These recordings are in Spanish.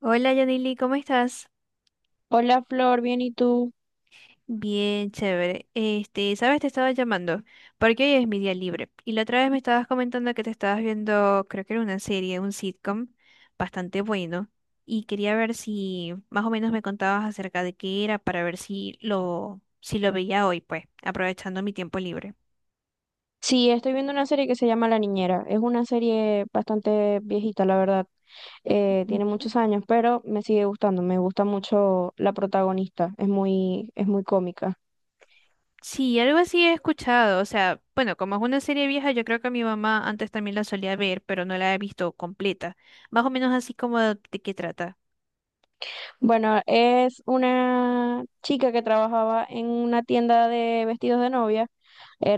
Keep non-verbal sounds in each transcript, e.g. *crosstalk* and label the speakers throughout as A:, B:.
A: Hola Yanili, ¿cómo estás?
B: Hola Flor, bien, ¿y tú?
A: Bien, chévere. Sabes, te estaba llamando porque hoy es mi día libre y la otra vez me estabas comentando que te estabas viendo, creo que era una serie, un sitcom bastante bueno y quería ver si más o menos me contabas acerca de qué era para ver si lo veía hoy, pues, aprovechando mi tiempo libre.
B: Sí, estoy viendo una serie que se llama La Niñera. Es una serie bastante viejita, la verdad. Tiene
A: Ujú.
B: muchos años, pero me sigue gustando. Me gusta mucho la protagonista. Es muy cómica.
A: Sí, algo así he escuchado. O sea, bueno, como es una serie vieja, yo creo que mi mamá antes también la solía ver, pero no la he visto completa. Más o menos así como de qué trata.
B: Bueno, es una chica que trabajaba en una tienda de vestidos de novia.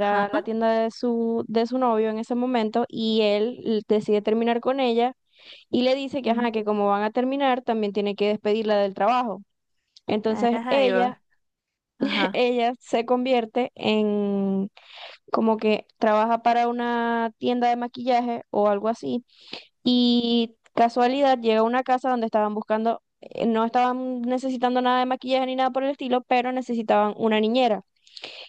A: Ajá.
B: la tienda de de su novio en ese momento y él decide terminar con ella y le dice que, ajá,
A: Sí.
B: que como van a terminar, también tiene que despedirla del trabajo. Entonces
A: Carajo, ahí
B: ella,
A: va.
B: *laughs*
A: Ajá.
B: ella se convierte en como que trabaja para una tienda de maquillaje o algo así. Y casualidad llega a una casa donde estaban buscando, no estaban necesitando nada de maquillaje ni nada por el estilo, pero necesitaban una niñera.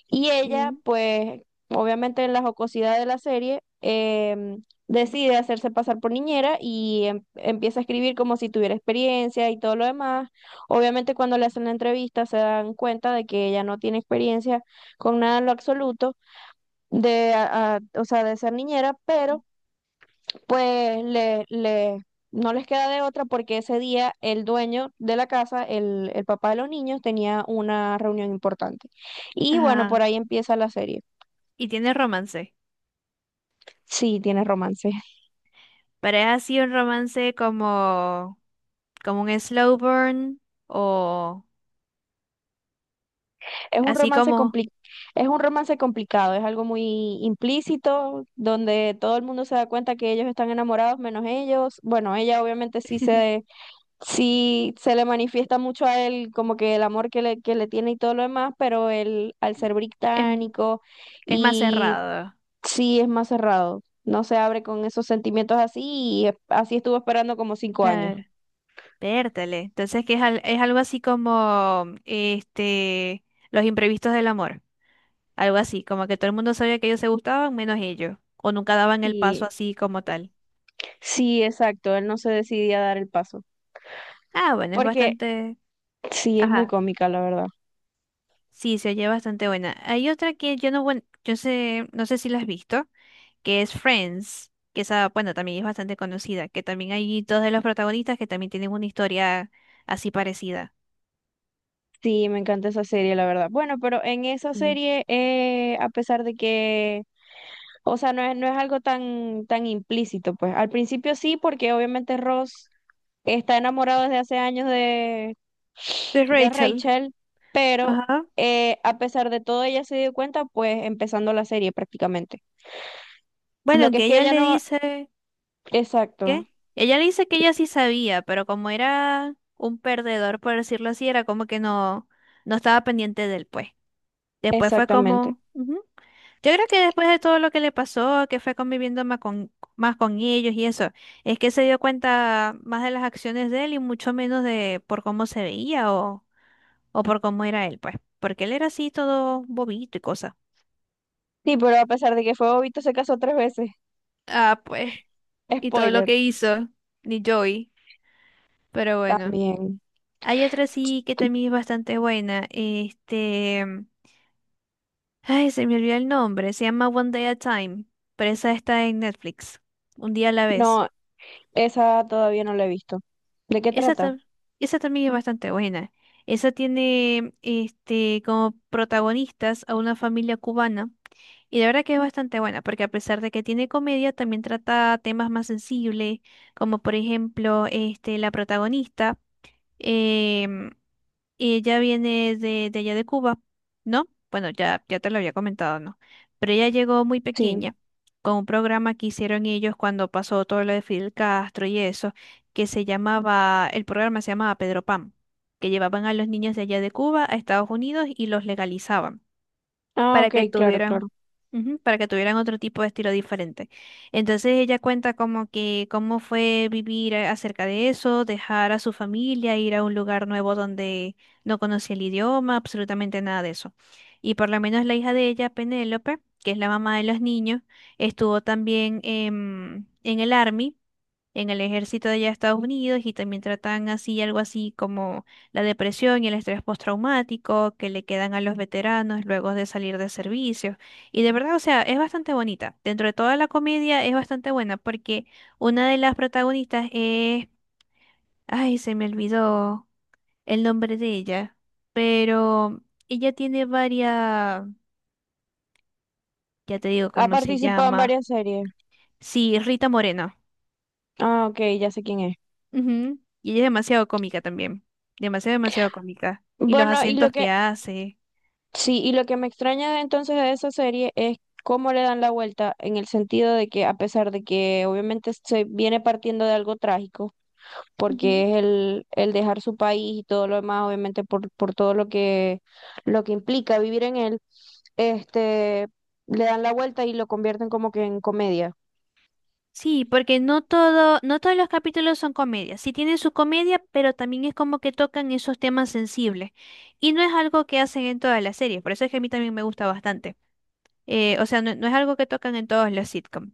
B: Y ella,
A: ¿Quién?
B: pues, obviamente en la jocosidad de la serie, decide hacerse pasar por niñera y empieza a escribir como si tuviera experiencia y todo lo demás. Obviamente cuando le hacen la entrevista se dan cuenta de que ella no tiene experiencia con nada en lo absoluto o sea, de ser niñera, pero pues no les queda de otra porque ese día el dueño de la casa, el papá de los niños, tenía una reunión importante. Y bueno, por
A: Ajá.
B: ahí empieza la serie.
A: Y tiene romance.
B: Sí, tiene romance.
A: Pero es así un romance como, como un slow burn o
B: Es un
A: así
B: romance
A: como
B: compli- es un romance complicado, es algo muy implícito, donde todo el mundo se da cuenta que ellos están enamorados menos ellos. Bueno, ella obviamente sí se le manifiesta mucho a él como que el amor que que le tiene y todo lo demás, pero él al ser
A: *laughs* es,
B: británico
A: es más
B: y
A: cerrado.
B: sí es más cerrado, no se abre con esos sentimientos así así estuvo esperando como cinco años.
A: Claro. Vértale. Entonces que es, al- es algo así como este los imprevistos del amor. Algo así, como que todo el mundo sabía que ellos se gustaban menos ellos. O nunca daban el paso
B: Sí,
A: así como tal.
B: sí, exacto, él no se decidía a dar el paso.
A: Ah, bueno, es
B: Porque
A: bastante.
B: sí, es muy
A: Ajá.
B: cómica, la verdad.
A: Sí, se oye bastante buena. Hay otra que yo no, yo sé, no sé si la has visto, que es Friends, que esa, bueno, también es bastante conocida, que también hay dos de los protagonistas que también tienen una historia así parecida.
B: Sí, me encanta esa serie, la verdad. Bueno, pero en esa
A: Sí.
B: serie, a pesar de que, o sea, no es algo tan implícito, pues. Al principio sí, porque obviamente Ross está enamorado desde hace años
A: De
B: de
A: Rachel.
B: Rachel, pero
A: Ajá.
B: a pesar de todo ella se dio cuenta, pues, empezando la serie prácticamente. Lo
A: Bueno,
B: que es
A: que
B: que
A: ella
B: ella
A: le
B: no...
A: dice,
B: Exacto,
A: ¿qué? Ella le dice que ella sí sabía, pero como era un perdedor, por decirlo así, era como que no, no estaba pendiente del pues. Después fue
B: exactamente.
A: como, ujú. Yo creo que después de todo lo que le pasó, que fue conviviendo más con ellos y eso, es que se dio cuenta más de las acciones de él y mucho menos de por cómo se veía o por cómo era él, pues, porque él era así todo bobito y cosa.
B: Sí, pero a pesar de que fue bobito, se casó tres veces.
A: Ah, pues, y todo lo
B: Spoiler,
A: que hizo, ni Joey, pero bueno.
B: también.
A: Hay otra sí que también es bastante buena, este, ay, se me olvidó el nombre, se llama One Day at a Time, pero esa está en Netflix, un día a la vez.
B: No, esa todavía no la he visto. ¿De qué
A: Esa,
B: trata?
A: esa también es bastante buena. Esa tiene este, como protagonistas a una familia cubana y la verdad que es bastante buena porque a pesar de que tiene comedia, también trata temas más sensibles, como por ejemplo este, la protagonista. em, y ella viene de allá de Cuba, ¿no? Bueno, ya, ya te lo había comentado, ¿no? Pero ella llegó muy
B: Sí.
A: pequeña con un programa que hicieron ellos cuando pasó todo lo de Fidel Castro y eso, que se llamaba, el programa se llamaba Pedro Pan, que llevaban a los niños de allá de Cuba a Estados Unidos y los legalizaban
B: Ah,
A: para
B: ok,
A: que
B: claro, claro.
A: tuvieran, ujú, para que tuvieran otro tipo de estilo diferente. Entonces ella cuenta como que cómo fue vivir acerca de eso, dejar a su familia, ir a un lugar nuevo donde no conocía el idioma, absolutamente nada de eso. Y por lo menos la hija de ella, Penélope, que es la mamá de los niños, estuvo también en el Army, en el ejército de allá de Estados Unidos y también tratan así algo así como la depresión y el estrés postraumático que le quedan a los veteranos luego de salir de servicio. Y de verdad, o sea, es bastante bonita. Dentro de toda la comedia es bastante buena porque una de las protagonistas es, ay, se me olvidó el nombre de ella, pero ella tiene varias, ya te digo
B: Ha
A: cómo se
B: participado en
A: llama.
B: varias series.
A: Sí, Rita Moreno.
B: Ah, ok, ya sé quién es.
A: Ujú. Y ella es demasiado cómica también. Demasiado, demasiado cómica. Y los
B: Bueno, y lo
A: acentos
B: que,
A: que hace.
B: sí, y lo que me extraña de entonces de esa serie es cómo le dan la vuelta en el sentido de que a pesar de que obviamente se viene partiendo de algo trágico,
A: Ujú.
B: porque es el dejar su país y todo lo demás, obviamente por todo lo que implica vivir en él, este, le dan la vuelta y lo convierten como que en comedia.
A: Sí, porque no todos los capítulos son comedias. Sí tienen su comedia, pero también es como que tocan esos temas sensibles. Y no es algo que hacen en todas las series. Por eso es que a mí también me gusta bastante. O sea, no, no es algo que tocan en todos los sitcoms.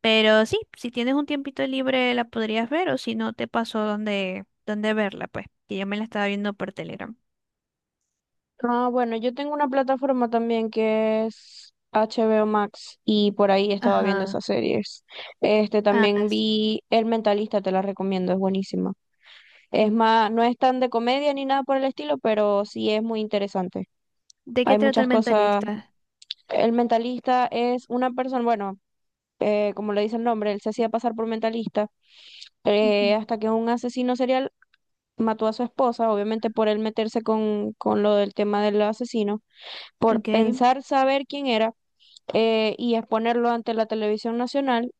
A: Pero sí, si tienes un tiempito libre la podrías ver, o si no te pasó dónde verla, pues. Que yo me la estaba viendo por Telegram.
B: Ah, bueno, yo tengo una plataforma también que es HBO Max y por ahí estaba viendo
A: Ajá.
B: esas series. Este
A: Ah,
B: también
A: sí.
B: vi El Mentalista, te la recomiendo, es buenísima. Es más, no es tan de comedia ni nada por el estilo, pero sí es muy interesante.
A: ¿De qué
B: Hay
A: trata
B: muchas
A: el
B: cosas.
A: mentalista?
B: El Mentalista es una persona, bueno, como le dice el nombre, él se hacía pasar por mentalista
A: Ujú.
B: hasta que un asesino serial mató a su esposa, obviamente por él meterse con lo del tema del asesino por
A: Ok,
B: pensar saber quién era y exponerlo ante la televisión nacional,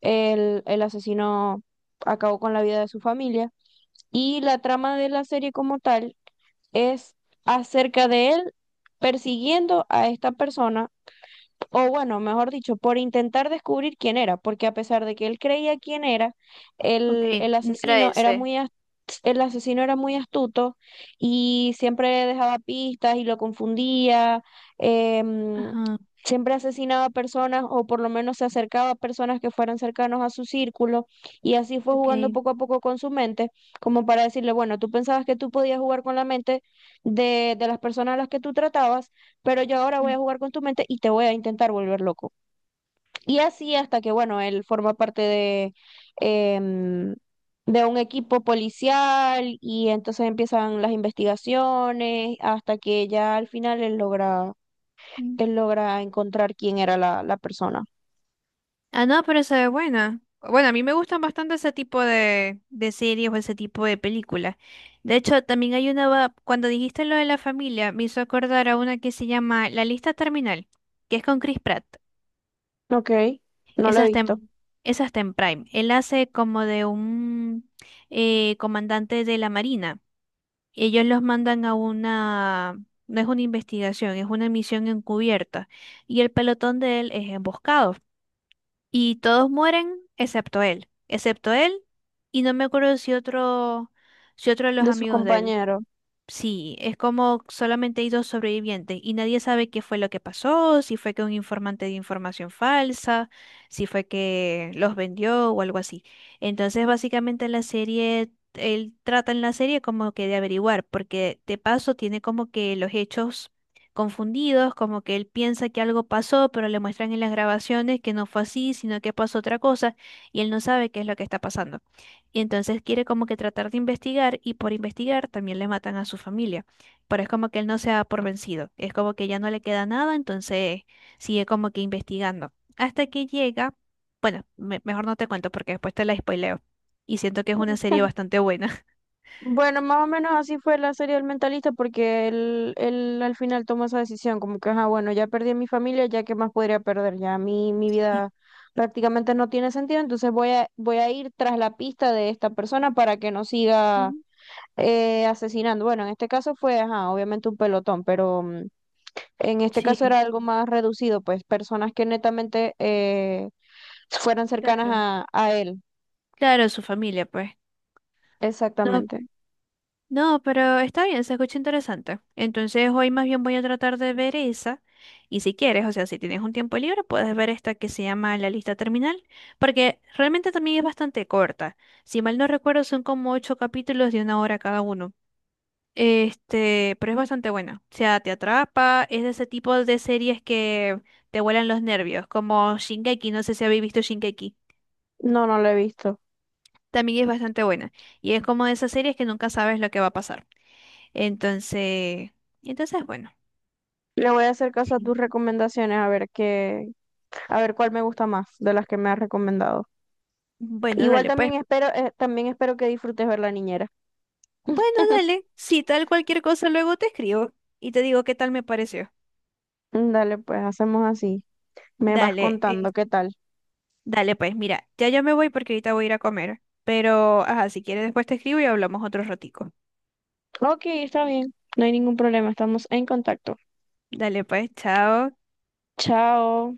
B: el asesino acabó con la vida de su familia. Y la trama de la serie como tal es acerca de él persiguiendo a esta persona o bueno, mejor dicho, por intentar descubrir quién era, porque a pesar de que él creía quién era,
A: ok,
B: el, el
A: no era
B: asesino era
A: ese.
B: muy as- el asesino era muy astuto y siempre dejaba pistas y lo confundía, em,
A: Ajá,
B: siempre asesinaba personas o por lo menos se acercaba a personas que fueran cercanos a su círculo y así fue jugando
A: ok.
B: poco a poco con su mente, como para decirle, bueno, tú pensabas que tú podías jugar con la mente de las personas a las que tú tratabas pero yo ahora voy a jugar con tu mente y te voy a intentar volver loco. Y así hasta que, bueno, él forma parte de, em, de un equipo policial y entonces empiezan las investigaciones hasta que ya al final
A: Ujú.
B: él logra encontrar quién era la persona.
A: Ah, no, pero se ve buena. Bueno, a mí me gustan bastante ese tipo de series o ese tipo de películas. De hecho, también hay una, cuando dijiste lo de la familia, me hizo acordar a una que se llama La Lista Terminal, que es con Chris Pratt.
B: Ok, no lo
A: Esa
B: he
A: está
B: visto,
A: en, esa está en Prime. Él hace como de un comandante de la Marina. Ellos los mandan a una, no es una investigación, es una misión encubierta. Y el pelotón de él es emboscado. Y todos mueren excepto él. Excepto él. Y no me acuerdo si otro, si otro de los
B: de sus
A: amigos de él.
B: compañeros.
A: Sí, es como solamente hay dos sobrevivientes y nadie sabe qué fue lo que pasó, si fue que un informante dio información falsa, si fue que los vendió o algo así. Entonces, básicamente la serie, él trata en la serie como que de averiguar, porque de paso tiene como que los hechos confundidos, como que él piensa que algo pasó, pero le muestran en las grabaciones que no fue así, sino que pasó otra cosa y él no sabe qué es lo que está pasando. Y entonces quiere como que tratar de investigar y por investigar también le matan a su familia. Pero es como que él no se da por vencido. Es como que ya no le queda nada, entonces sigue como que investigando. Hasta que llega, bueno, mejor no te cuento porque después te la spoileo. Y siento que es una serie bastante buena. *laughs*
B: Bueno, más o menos así fue la serie del mentalista porque él al final tomó esa decisión, como que, ah, bueno, ya perdí a mi familia, ya qué más podría perder, ya mi
A: Sí.
B: vida prácticamente no tiene sentido, entonces voy a ir tras la pista de esta persona para que no siga
A: Mm.
B: asesinando. Bueno, en este caso fue, ajá, obviamente un pelotón, pero mm, en este caso era
A: Sí,
B: algo más reducido, pues personas que netamente fueran cercanas
A: claro.
B: a él,
A: Claro, su familia, pues. No,
B: exactamente.
A: no, pero está bien, se escucha interesante. Entonces hoy más bien voy a tratar de ver esa. Y si quieres, o sea, si tienes un tiempo libre, puedes ver esta que se llama La lista terminal, porque realmente también es bastante corta. Si mal no recuerdo, son como ocho capítulos de una hora cada uno. Este, pero es bastante buena. O sea, te atrapa, es de ese tipo de series que te vuelan los nervios, como Shingeki, no sé si habéis visto Shingeki.
B: No, no lo he visto.
A: También es bastante buena. Y es como de esas series que nunca sabes lo que va a pasar. Entonces, entonces bueno,
B: Le voy a hacer caso a
A: sí.
B: tus recomendaciones, a ver qué, a ver cuál me gusta más de las que me has recomendado.
A: Bueno,
B: Igual
A: dale, pues.
B: también espero que disfrutes ver La Niñera.
A: Bueno, dale. Si tal cualquier cosa, luego te escribo y te digo qué tal me pareció.
B: Mm, dale, pues hacemos así. Me vas
A: Dale,
B: contando qué tal.
A: dale, pues, mira, ya yo me voy porque ahorita voy a ir a comer. Pero, ajá, si quieres después te escribo y hablamos otro ratico.
B: Ok, está bien. No hay ningún problema, estamos en contacto.
A: Dale, pues, chao.
B: Chao.